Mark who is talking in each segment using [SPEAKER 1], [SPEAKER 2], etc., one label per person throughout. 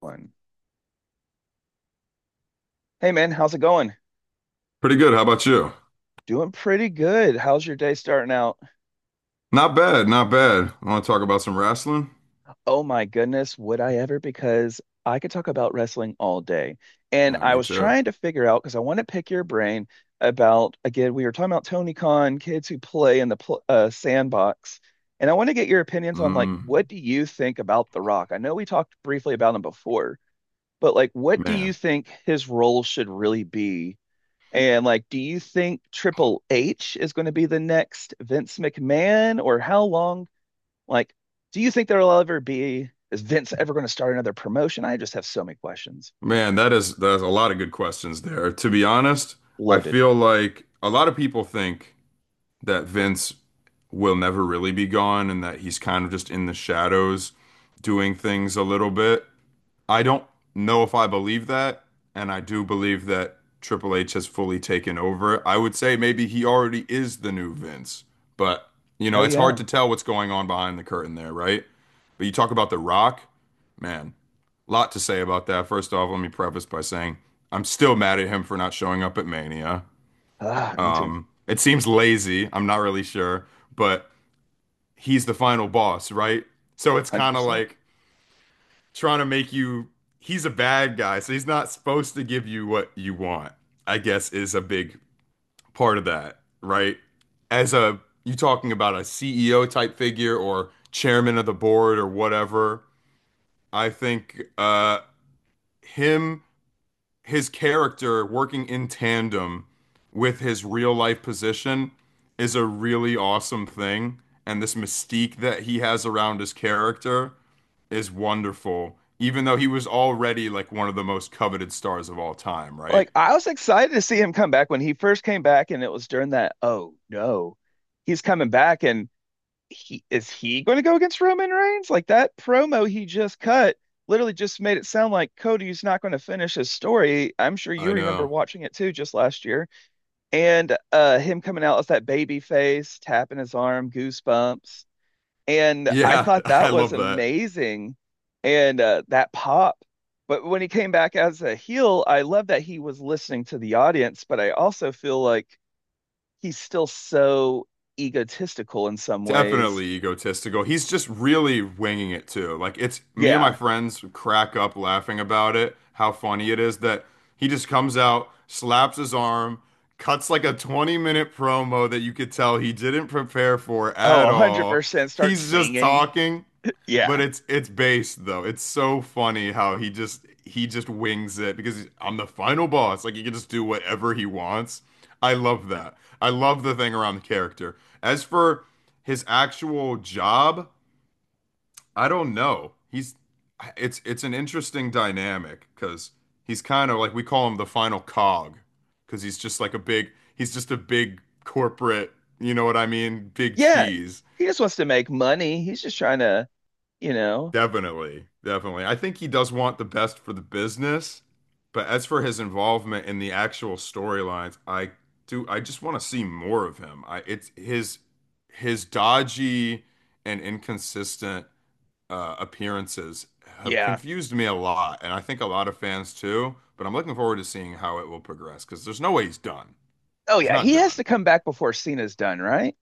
[SPEAKER 1] One. Hey man, how's it going?
[SPEAKER 2] Pretty good. How about you?
[SPEAKER 1] Doing pretty good. How's your day starting out?
[SPEAKER 2] Not bad, not bad. Want to talk about some wrestling?
[SPEAKER 1] Oh my goodness, would I ever? Because I could talk about wrestling all day. And
[SPEAKER 2] Yeah,
[SPEAKER 1] I
[SPEAKER 2] me
[SPEAKER 1] was
[SPEAKER 2] too.
[SPEAKER 1] trying to figure out because I want to pick your brain about, again, we were talking about Tony Khan, kids who play in the pl sandbox. And I want to get your opinions on like, what
[SPEAKER 2] Mm,
[SPEAKER 1] do you think about The Rock? I know we talked briefly about him before, but like, what do you
[SPEAKER 2] man,
[SPEAKER 1] think his role should really be? And like, do you think Triple H is going to be the next Vince McMahon, or how long? Like, do you think there'll ever be? Is Vince ever going to start another promotion? I just have so many questions.
[SPEAKER 2] man, that's a lot of good questions there. To be honest, I
[SPEAKER 1] Loaded.
[SPEAKER 2] feel like a lot of people think that Vince will never really be gone and that he's kind of just in the shadows doing things a little bit. I don't know if I believe that, and I do believe that Triple H has fully taken over. I would say maybe he already is the new Vince, but you know,
[SPEAKER 1] Oh
[SPEAKER 2] it's hard
[SPEAKER 1] yeah.
[SPEAKER 2] to tell what's going on behind the curtain there, right? But you talk about The Rock, man, a lot to say about that. First off, let me preface by saying I'm still mad at him for not showing up at Mania.
[SPEAKER 1] Ah, me too. one
[SPEAKER 2] It seems lazy, I'm not really sure, but he's the final boss, right? So it's
[SPEAKER 1] Hundred
[SPEAKER 2] kind of
[SPEAKER 1] percent.
[SPEAKER 2] like trying to make you he's a bad guy, so he's not supposed to give you what you want. I guess is a big part of that, right? As a you talking about a CEO type figure or chairman of the board or whatever, I think him his character working in tandem with his real life position is a really awesome thing. And this mystique that he has around his character is wonderful, even though he was already like one of the most coveted stars of all time, right?
[SPEAKER 1] Like, I was excited to see him come back when he first came back, and it was during that. Oh no, he's coming back, and he is he going to go against Roman Reigns? Like that promo he just cut literally just made it sound like Cody's not going to finish his story. I'm sure you
[SPEAKER 2] I
[SPEAKER 1] remember
[SPEAKER 2] know.
[SPEAKER 1] watching it too just last year. And him coming out as that baby face, tapping his arm, goosebumps. And I
[SPEAKER 2] Yeah,
[SPEAKER 1] thought
[SPEAKER 2] I
[SPEAKER 1] that was
[SPEAKER 2] love that.
[SPEAKER 1] amazing. And that pop. But when he came back as a heel, I love that he was listening to the audience, but I also feel like he's still so egotistical in some ways.
[SPEAKER 2] Definitely egotistical. He's just really winging it too. Like it's me and my
[SPEAKER 1] Yeah,
[SPEAKER 2] friends crack up laughing about it, how funny it is that he just comes out, slaps his arm, cuts like a 20-minute minute promo that you could tell he didn't prepare for
[SPEAKER 1] oh,
[SPEAKER 2] at all.
[SPEAKER 1] 100% start
[SPEAKER 2] He's just
[SPEAKER 1] singing.
[SPEAKER 2] talking but
[SPEAKER 1] Yeah.
[SPEAKER 2] it's based though. It's so funny how he just wings it because he's- I'm the final boss. Like he can just do whatever he wants. I love that. I love the thing around the character. As for his actual job, I don't know. He's it's an interesting dynamic because he's kind of like we call him the final cog because he's just a big corporate, you know what I mean? Big
[SPEAKER 1] Yeah.
[SPEAKER 2] cheese.
[SPEAKER 1] He just wants to make money. He's just trying to, you know.
[SPEAKER 2] Definitely, definitely. I think he does want the best for the business, but as for his involvement in the actual storylines, I just want to see more of him. I it's his dodgy and inconsistent appearances have
[SPEAKER 1] Yeah.
[SPEAKER 2] confused me a lot, and I think a lot of fans too, but I'm looking forward to seeing how it will progress because there's no way he's done.
[SPEAKER 1] Oh,
[SPEAKER 2] He's
[SPEAKER 1] yeah.
[SPEAKER 2] not
[SPEAKER 1] He has
[SPEAKER 2] done.
[SPEAKER 1] to come back before Cena's done, right?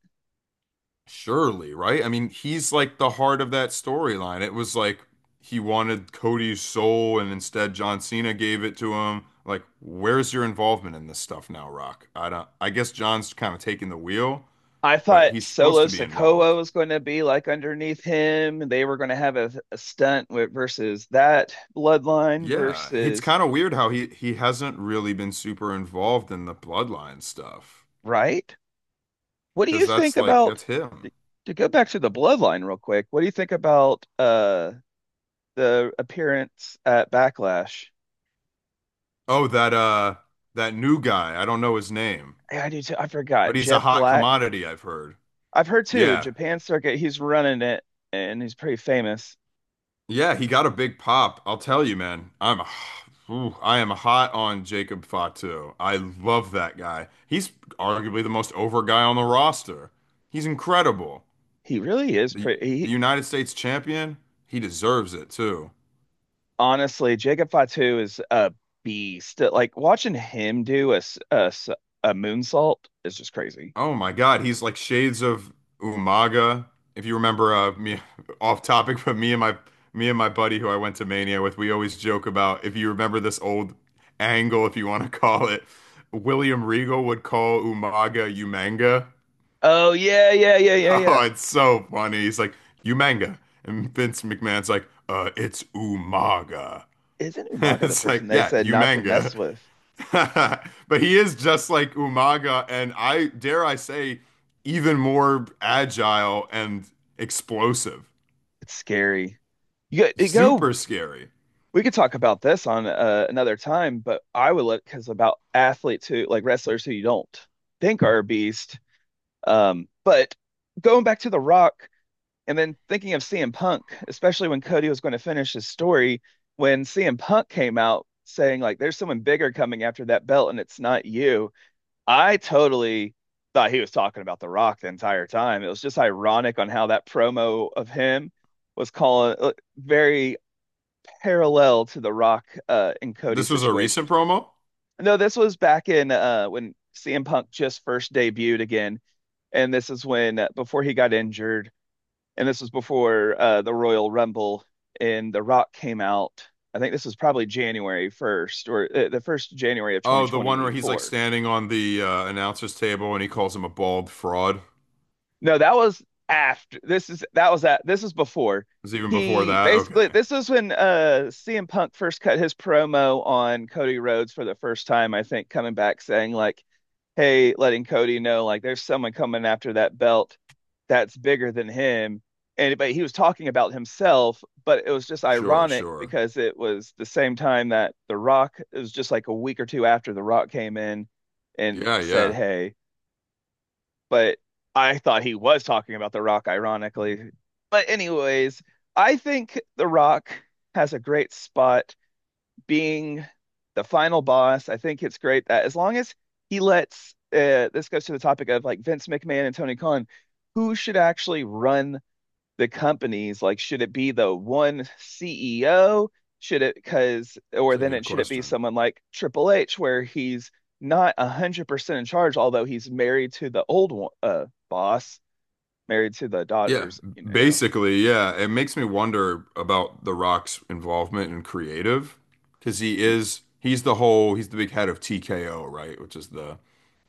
[SPEAKER 2] Surely, right? I mean, he's like the heart of that storyline. It was like he wanted Cody's soul, and instead John Cena gave it to him. Like, where's your involvement in this stuff now, Rock? I don't, I guess John's kind of taking the wheel,
[SPEAKER 1] I
[SPEAKER 2] but
[SPEAKER 1] thought
[SPEAKER 2] he's supposed
[SPEAKER 1] Solo
[SPEAKER 2] to be
[SPEAKER 1] Sikoa
[SPEAKER 2] involved.
[SPEAKER 1] was going to be like underneath him. They were going to have a stunt with versus that bloodline
[SPEAKER 2] Yeah, it's
[SPEAKER 1] versus,
[SPEAKER 2] kind of weird how he hasn't really been super involved in the bloodline stuff
[SPEAKER 1] right? What do you
[SPEAKER 2] because
[SPEAKER 1] think about
[SPEAKER 2] that's
[SPEAKER 1] to,
[SPEAKER 2] him.
[SPEAKER 1] to go back to the bloodline real quick? What do you think about the appearance at Backlash?
[SPEAKER 2] Oh, that that new guy, I don't know his name,
[SPEAKER 1] Yeah, I do too. I forgot.
[SPEAKER 2] but he's a
[SPEAKER 1] Jeff
[SPEAKER 2] hot
[SPEAKER 1] Black.
[SPEAKER 2] commodity, I've heard.
[SPEAKER 1] I've heard too,
[SPEAKER 2] Yeah,
[SPEAKER 1] Japan circuit, he's running it and he's pretty famous.
[SPEAKER 2] yeah, he got a big pop. I'll tell you, man. I'm ooh, I am hot on Jacob Fatu. I love that guy. He's arguably the most over guy on the roster. He's incredible.
[SPEAKER 1] He really is
[SPEAKER 2] The
[SPEAKER 1] pretty he,
[SPEAKER 2] United States champion, he deserves it too.
[SPEAKER 1] Honestly, Jacob Fatu is a beast. Like watching him do a moonsault is just crazy.
[SPEAKER 2] Oh my God, he's like shades of Umaga. If you remember, me off topic, but me and my buddy who I went to Mania with, we always joke about if you remember this old angle, if you want to call it, William Regal would call Umaga Umanga.
[SPEAKER 1] Oh yeah, yeah, yeah, yeah, yeah.
[SPEAKER 2] Oh, it's so funny. He's like Umanga, and Vince McMahon's like, it's Umaga.
[SPEAKER 1] Isn't Umaga the
[SPEAKER 2] It's
[SPEAKER 1] person
[SPEAKER 2] like,
[SPEAKER 1] they
[SPEAKER 2] yeah,
[SPEAKER 1] said not to
[SPEAKER 2] Umanga.
[SPEAKER 1] mess with?
[SPEAKER 2] But he is just like Umaga, and I dare I say, even more agile and explosive.
[SPEAKER 1] It's scary. You go.
[SPEAKER 2] Super scary.
[SPEAKER 1] We could talk about this on another time, but I would look because about athletes who like wrestlers who you don't think are a beast. But going back to The Rock and then thinking of CM Punk, especially when Cody was going to finish his story, when CM Punk came out saying, like, there's someone bigger coming after that belt and it's not you, I totally thought he was talking about The Rock the entire time. It was just ironic on how that promo of him was calling very parallel to The Rock in Cody's
[SPEAKER 2] This was a
[SPEAKER 1] situation.
[SPEAKER 2] recent promo.
[SPEAKER 1] No, this was back in when CM Punk just first debuted again and this is when, before he got injured, and this was before the Royal Rumble and The Rock came out. I think this was probably January 1st or the first January of
[SPEAKER 2] Oh, the one where he's like
[SPEAKER 1] 2024.
[SPEAKER 2] standing on the announcer's table and he calls him a bald fraud. It
[SPEAKER 1] No, that was after. This is that was that. This is before.
[SPEAKER 2] was even before
[SPEAKER 1] He
[SPEAKER 2] that.
[SPEAKER 1] basically
[SPEAKER 2] Okay.
[SPEAKER 1] this is when CM Punk first cut his promo on Cody Rhodes for the first time, I think, coming back saying like, "Hey, letting Cody know like there's someone coming after that belt that's bigger than him." And but he was talking about himself, but it was just
[SPEAKER 2] Sure,
[SPEAKER 1] ironic
[SPEAKER 2] sure.
[SPEAKER 1] because it was the same time that The Rock, it was just like a week or two after The Rock came in and
[SPEAKER 2] Yeah,
[SPEAKER 1] said,
[SPEAKER 2] yeah.
[SPEAKER 1] "Hey, but I thought he was talking about The Rock, ironically." But, anyways, I think The Rock has a great spot being the final boss. I think it's great that as long as he lets, this goes to the topic of like Vince McMahon and Tony Khan, who should actually run the companies like should it be the one CEO should it because or
[SPEAKER 2] It's a
[SPEAKER 1] then
[SPEAKER 2] good
[SPEAKER 1] it should it be
[SPEAKER 2] question.
[SPEAKER 1] someone like Triple H where he's not 100% in charge, although he's married to the old boss, married to the
[SPEAKER 2] Yeah,
[SPEAKER 1] daughters, you know.
[SPEAKER 2] basically, yeah. It makes me wonder about The Rock's involvement in creative because
[SPEAKER 1] Mm,
[SPEAKER 2] he's the whole he's the big head of TKO, right? Which is the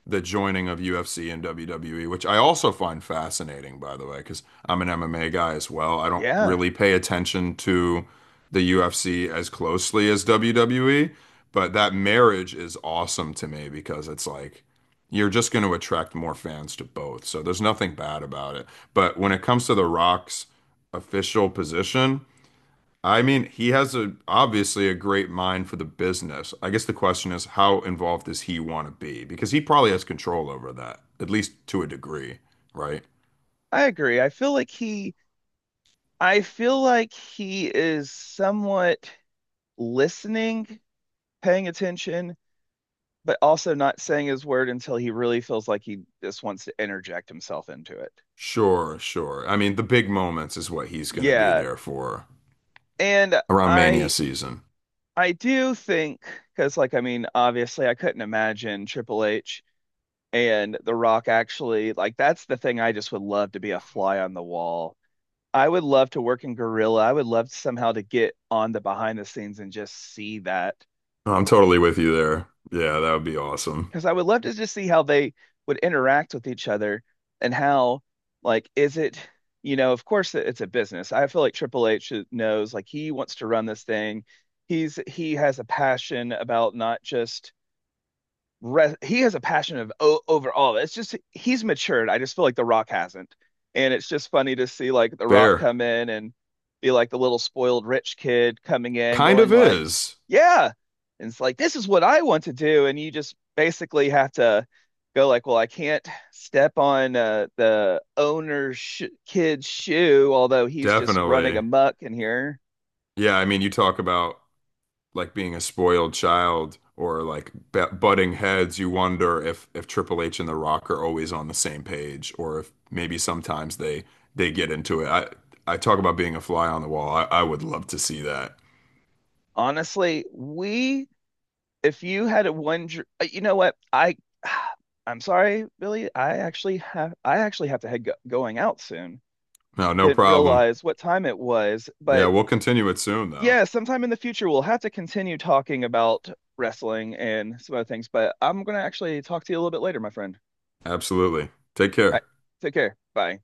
[SPEAKER 2] the joining of UFC and WWE, which I also find fascinating, by the way, because I'm an MMA guy as well. I don't
[SPEAKER 1] yeah,
[SPEAKER 2] really pay attention to the UFC as closely as WWE, but that marriage is awesome to me because it's like you're just going to attract more fans to both. So there's nothing bad about it. But when it comes to The Rock's official position, I mean, he has a obviously a great mind for the business. I guess the question is, how involved does he want to be? Because he probably has control over that, at least to a degree, right?
[SPEAKER 1] I agree. I feel like he is somewhat listening, paying attention, but also not saying his word until he really feels like he just wants to interject himself into it.
[SPEAKER 2] Sure, sure. I mean, the big moments is what he's going to be
[SPEAKER 1] Yeah.
[SPEAKER 2] there for
[SPEAKER 1] And
[SPEAKER 2] around Mania season.
[SPEAKER 1] I do think because like I mean obviously I couldn't imagine Triple H and The Rock actually, like, that's the thing. I just would love to be a fly on the wall. I would love to work in Gorilla. I would love somehow to get on the behind the scenes and just see that.
[SPEAKER 2] I'm totally with you there. Yeah, that would be awesome.
[SPEAKER 1] Because I would love to just see how they would interact with each other and how, like, is it, you know, of course it's a business. I feel like Triple H knows, like, he wants to run this thing. He has a passion about not just he has a passion of over all of it. It's just he's matured. I just feel like The Rock hasn't, and it's just funny to see like The Rock
[SPEAKER 2] Fair.
[SPEAKER 1] come in and be like the little spoiled rich kid coming in,
[SPEAKER 2] Kind
[SPEAKER 1] going
[SPEAKER 2] of
[SPEAKER 1] like,
[SPEAKER 2] is.
[SPEAKER 1] "Yeah," and it's like this is what I want to do, and you just basically have to go like, "Well, I can't step on the owner's sh kid's shoe," although he's just running
[SPEAKER 2] Definitely.
[SPEAKER 1] amok in here.
[SPEAKER 2] Yeah, I mean, you talk about like being a spoiled child or like b butting heads, you wonder if Triple H and The Rock are always on the same page, or if maybe sometimes they get into it. I talk about being a fly on the wall. I would love to see that.
[SPEAKER 1] Honestly, we if you had a one, dr- you know what? I, I'm sorry, Billy. I actually have to head go going out soon.
[SPEAKER 2] No, no
[SPEAKER 1] Didn't
[SPEAKER 2] problem.
[SPEAKER 1] realize what time it was,
[SPEAKER 2] Yeah,
[SPEAKER 1] but
[SPEAKER 2] we'll continue it soon though.
[SPEAKER 1] yeah, sometime in the future we'll have to continue talking about wrestling and some other things. But I'm gonna actually talk to you a little bit later, my friend.
[SPEAKER 2] Absolutely. Take
[SPEAKER 1] All right,
[SPEAKER 2] care.
[SPEAKER 1] take care. Bye.